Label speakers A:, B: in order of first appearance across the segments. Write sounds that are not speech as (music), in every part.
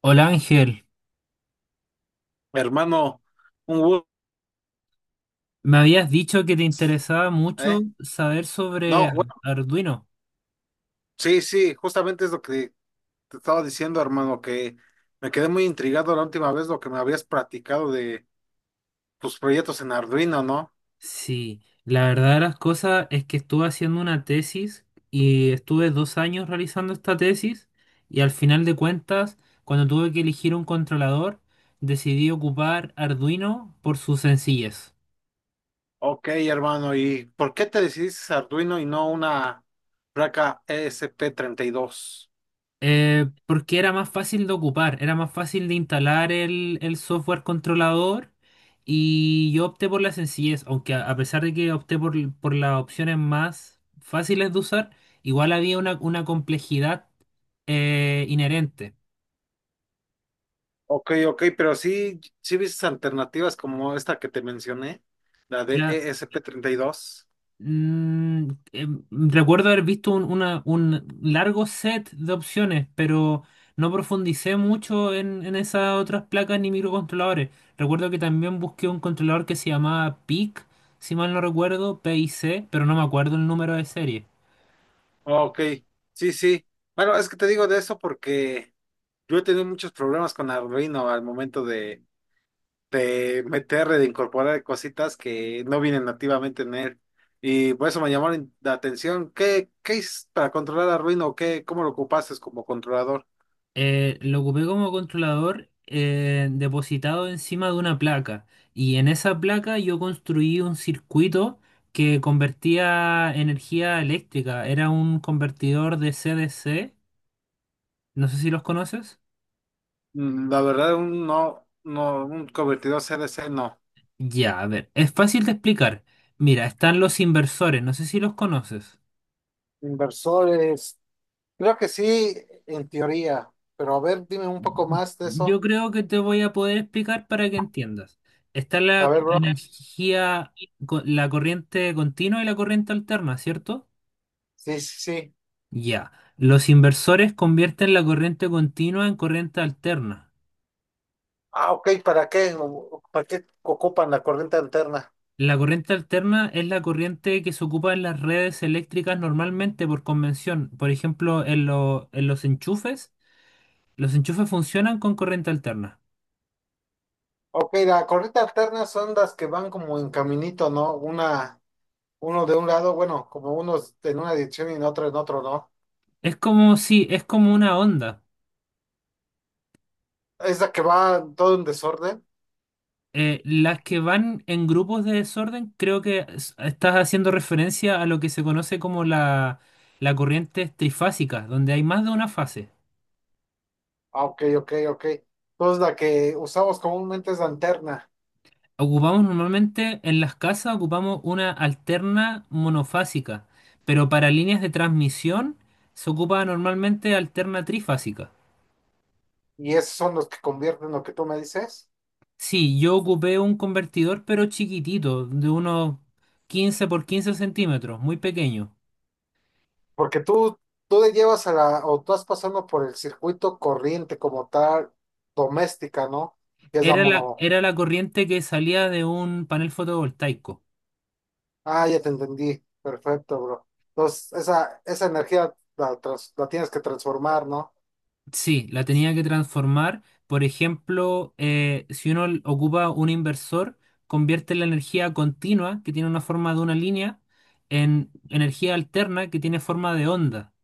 A: Hola Ángel,
B: Hermano, un gusto,
A: me habías dicho que te interesaba mucho
B: ¿eh?
A: saber sobre
B: No,
A: Ar-
B: bueno,
A: Arduino.
B: sí, sí, justamente es lo que te estaba diciendo, hermano, que me quedé muy intrigado la última vez lo que me habías platicado de tus proyectos en Arduino, ¿no?
A: Sí, la verdad de las cosas es que estuve haciendo una tesis y estuve dos años realizando esta tesis y al final de cuentas, cuando tuve que elegir un controlador, decidí ocupar Arduino por su sencillez.
B: Ok, hermano, ¿y por qué te decidiste a Arduino y no una placa esp dos?
A: Porque era más fácil de ocupar, era más fácil de instalar el software controlador y yo opté por la sencillez, aunque a pesar de que opté por las opciones más fáciles de usar, igual había una complejidad inherente.
B: Ok, ok, pero sí, sí viste alternativas como esta que te mencioné, la de esp dos.
A: Mm, em, Recuerdo haber visto un largo set de opciones, pero no profundicé mucho en esas otras placas ni microcontroladores. Recuerdo que también busqué un controlador que se llamaba PIC, si mal no recuerdo, PIC, pero no me acuerdo el número de serie.
B: Ok, sí, sí. Bueno, es que te digo de eso porque... Yo he tenido muchos problemas con Arduino al momento de incorporar cositas que no vienen nativamente en él. Y por eso me llamó la atención. ¿Qué es para controlar Arduino? ¿Qué, cómo lo ocupaste como controlador?
A: Lo ocupé como controlador depositado encima de una placa y en esa placa yo construí un circuito que convertía energía eléctrica. Era un convertidor de CDC. No sé si los conoces.
B: Mm, la verdad, un no, no, un convertidor C D C no.
A: Ya, a ver, es fácil de explicar. Mira, están los inversores. No sé si los conoces.
B: Inversores, creo que sí, en teoría. Pero a ver, dime un poco más de eso.
A: Yo creo que te voy a poder explicar para que entiendas. Está
B: A
A: la
B: ver, bro.
A: energía, la corriente continua y la corriente alterna, ¿cierto?
B: Sí, sí, sí.
A: Ya. Los inversores convierten la corriente continua en corriente alterna.
B: Ah, ok, ¿para qué? ¿Para qué ocupan la corriente alterna?
A: La corriente alterna es la corriente que se ocupa en las redes eléctricas normalmente por convención. Por ejemplo, en los enchufes funcionan con corriente alterna.
B: Ok, la corrida alterna son las que van como en caminito, ¿no? Una, uno de un lado, bueno, como unos en una dirección y en otro, ¿no?
A: Es como si, es como una onda.
B: Es la que va todo en desorden.
A: Las que van en grupos de desorden, creo que estás haciendo referencia a lo que se conoce como la corriente trifásica, donde hay más de una fase.
B: Ah, ok, ok, ok. Entonces la que usamos comúnmente es la alterna
A: Ocupamos normalmente en las casas, ocupamos una alterna monofásica, pero para líneas de transmisión se ocupa normalmente alterna trifásica.
B: y esos son los que convierten lo que tú me dices.
A: Sí, yo ocupé un convertidor pero chiquitito, de unos 15 por 15 centímetros, muy pequeño.
B: Porque tú le llevas a la, o tú vas pasando por el circuito corriente como tal, doméstica, ¿no? Que es la
A: Era la,
B: mono.
A: era la corriente que salía de un panel fotovoltaico.
B: Ah, ya te entendí. Perfecto, bro. Entonces, esa energía la, trans- la tienes que transformar, ¿no?
A: Sí, la tenía que transformar. Por ejemplo, si uno ocupa un inversor, convierte la energía continua, que tiene una forma de una línea, en energía alterna, que tiene forma de onda.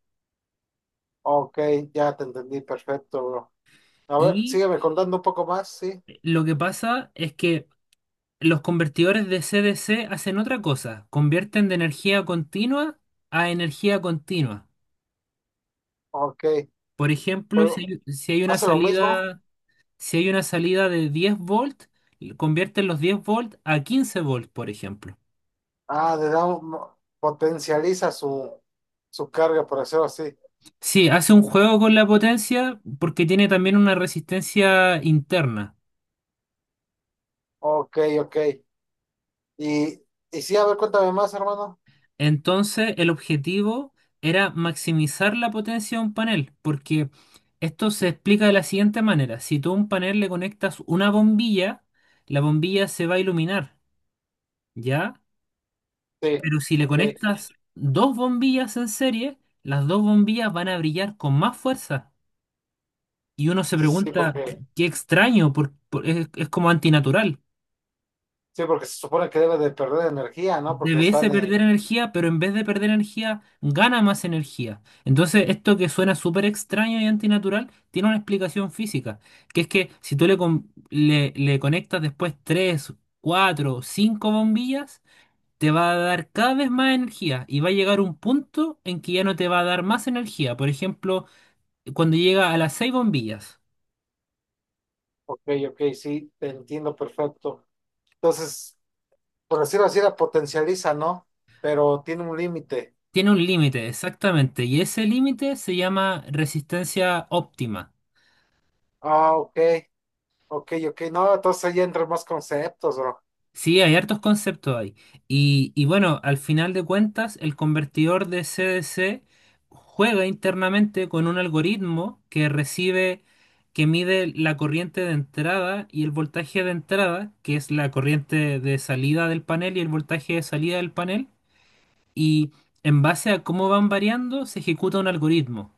B: Ok, ya te entendí. Perfecto, bro. A ver,
A: Y
B: sígueme contando un poco más, ¿sí?
A: lo que pasa es que los convertidores de CDC hacen otra cosa, convierten de energía continua a energía continua.
B: Ok.
A: Por ejemplo,
B: Pero,
A: si hay una
B: ¿hace lo mismo?
A: salida, si hay una salida de 10 volt, convierten los 10 volt a 15 volt, por ejemplo.
B: Ah, le da un- potencializa su, su carga, por hacerlo así.
A: Sí, hace un juego con la potencia porque tiene también una resistencia interna.
B: Ok, ok. Y, y sí, a ver, cuéntame más, hermano.
A: Entonces, el objetivo era maximizar la potencia de un panel, porque esto se explica de la siguiente manera. Si tú a un panel le conectas una bombilla, la bombilla se va a iluminar, ¿ya?
B: Sí,
A: Pero si le
B: ok.
A: conectas dos bombillas en serie, las dos bombillas van a brillar con más fuerza. Y uno se
B: Sí,
A: pregunta, qué extraño, es como antinatural.
B: sí, porque se supone que debe de perder energía, ¿no? Porque
A: Debiese
B: están en...
A: perder energía, pero en vez de perder energía, gana más energía. Entonces, esto que suena súper extraño y antinatural, tiene una explicación física, que es que si tú le conectas después 3, 4, 5 bombillas, te va a dar cada vez más energía y va a llegar un punto en que ya no te va a dar más energía. Por ejemplo, cuando llega a las seis bombillas,
B: Ok, ok, sí, te entiendo perfecto. Entonces, por decirlo así, la potencializa, ¿no? Pero tiene un límite.
A: tiene un límite, exactamente, y ese límite se llama resistencia óptima.
B: Ah, ok, ok, ok. No, entonces ahí entran más conceptos, bro.
A: Sí, hay hartos conceptos ahí. Y bueno, al final de cuentas, el convertidor de CDC juega internamente con un algoritmo que recibe, que mide la corriente de entrada y el voltaje de entrada, que es la corriente de salida del panel y el voltaje de salida del panel. Y en base a cómo van variando, se ejecuta un algoritmo.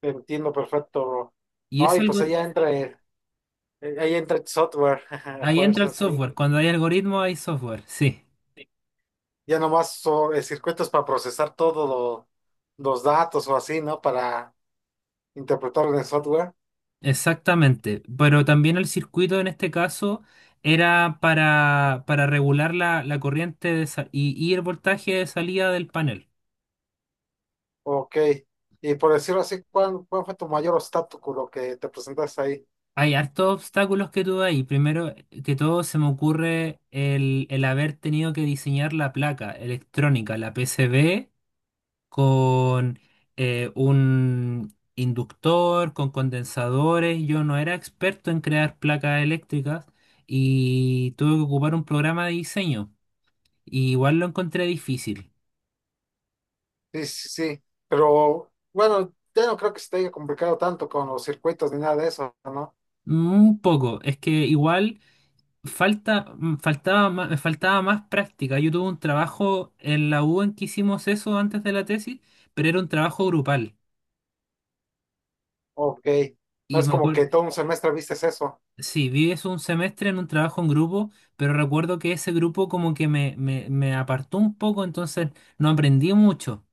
B: Te entiendo perfecto, bro.
A: Y
B: No,
A: ese
B: y pues ahí entra ahí entra el software, (laughs) a
A: ahí entra el
B: fuerza, sí.
A: software. Cuando hay algoritmo, hay software. Sí.
B: Ya nomás son circuitos para procesar todos los datos o así, ¿no? Para interpretar en el software.
A: Exactamente, pero también el circuito en este caso era para regular la corriente y el voltaje de salida del panel.
B: Ok. Y por decirlo así, ¿cuál fue tu mayor obstáculo que te presentaste ahí?
A: Hay hartos obstáculos que tuve ahí. Primero que todo se me ocurre el haber tenido que diseñar la placa electrónica, la PCB, con un inductor, con condensadores. Yo no era experto en crear placas eléctricas y tuve que ocupar un programa de diseño. Y igual lo encontré difícil.
B: Sí, sí, sí, pero bueno, ya no creo que se te haya complicado tanto con los circuitos ni nada de eso, ¿no?
A: Un poco, es que igual falta, mm, faltaba más, me faltaba más práctica. Yo tuve un trabajo en la U en que hicimos eso antes de la tesis, pero era un trabajo grupal.
B: Ok, no
A: Y
B: es
A: me
B: como
A: acuerdo,
B: que todo un semestre vistes eso.
A: sí, vi eso un semestre en un trabajo en grupo, pero recuerdo que ese grupo como que me apartó un poco, entonces no aprendí mucho.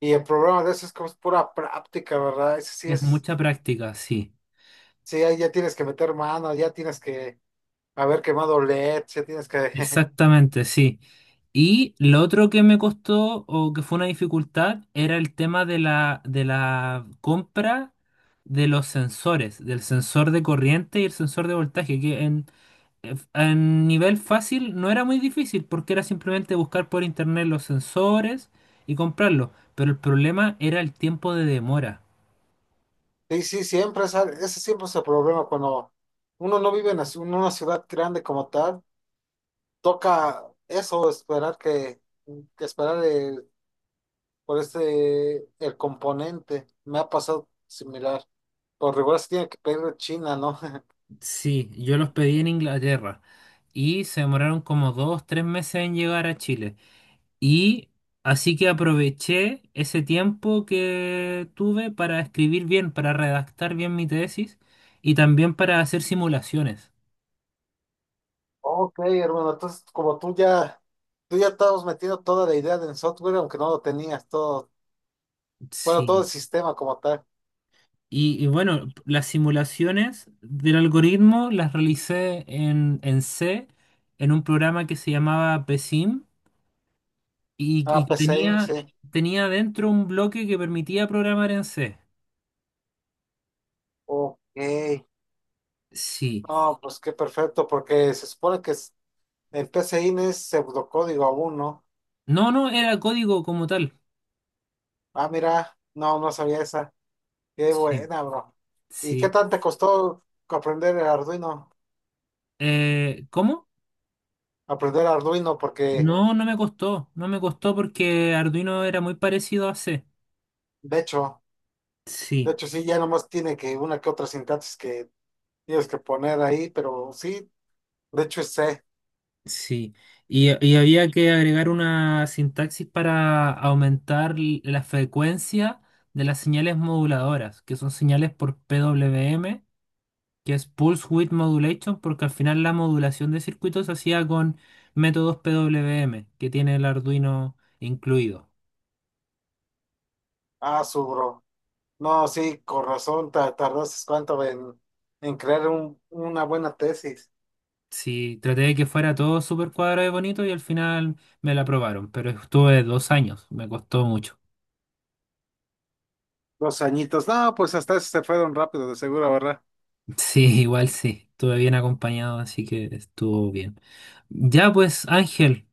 B: Y el problema de eso es que es pura práctica, ¿verdad? Ese sí
A: Es
B: es,
A: mucha práctica, sí.
B: sí, ahí ya tienes que meter mano, ya tienes que haber quemado LEDs, ya tienes que... (laughs)
A: Exactamente, sí. Y lo otro que me costó o que fue una dificultad era el tema de de la compra de los sensores, del sensor de corriente y el sensor de voltaje, que en nivel fácil no era muy difícil porque era simplemente buscar por internet los sensores y comprarlos. Pero el problema era el tiempo de demora.
B: Sí, sí, siempre, es al- ese siempre es el problema cuando uno no vive en la ci- en una ciudad grande como tal, toca eso, esperar que esperar el por ese, el componente. Me ha pasado similar. Por regular se tiene que pedir de China, ¿no? (laughs)
A: Sí, yo los pedí en Inglaterra y se demoraron como dos, tres meses en llegar a Chile. Y así que aproveché ese tiempo que tuve para escribir bien, para redactar bien mi tesis y también para hacer simulaciones.
B: Ok, hermano, entonces como tú ya estabas metiendo toda la idea del software, aunque no lo tenías todo, bueno, todo
A: Sí.
B: el sistema como tal.
A: Y bueno, las simulaciones del algoritmo las realicé en C, en un programa que se llamaba PSIM y,
B: Ah,
A: y que
B: PCIM,
A: tenía,
B: sí.
A: tenía dentro un bloque que permitía programar en C.
B: Ok.
A: Sí.
B: No, pues qué perfecto, porque se supone que es- el PCIM es pseudocódigo aún, ¿no?
A: No, no, era código como tal.
B: Ah, mira, no, no sabía esa. Qué
A: Sí,
B: buena, bro. ¿Y qué
A: sí.
B: tanto te costó aprender el Arduino?
A: ¿Cómo?
B: Aprender Arduino porque
A: No, no me costó porque Arduino era muy parecido a C.
B: de hecho, de
A: Sí,
B: hecho sí, ya nomás tiene que una que otra sintaxis que tienes que poner ahí, pero sí, de hecho es C.
A: sí. Y había que agregar una sintaxis para aumentar la frecuencia de las señales moduladoras, que son señales por PWM, que es Pulse Width Modulation, porque al final la modulación de circuitos se hacía con métodos PWM, que tiene el Arduino incluido.
B: Ah, su bro. No, sí, con razón, ta- tardaste cuánto en crear un- una buena tesis.
A: Sí, traté de que fuera todo súper cuadrado y bonito y al final me la aprobaron, pero estuve 2 años, me costó mucho.
B: Dos añitos. No, pues hasta eso se fueron rápido, de seguro, ¿verdad?
A: (laughs) Sí, igual sí, estuve bien acompañado, así que estuvo bien. Ya pues, Ángel,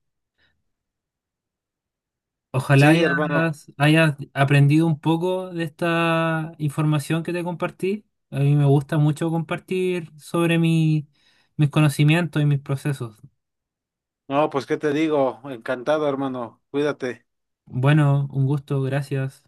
A: ojalá
B: Sí, hermano.
A: hayas aprendido un poco de esta información que te compartí. A mí me gusta mucho compartir sobre mis conocimientos y mis procesos.
B: No, pues qué te digo, encantado, hermano. Cuídate.
A: Bueno, un gusto, gracias.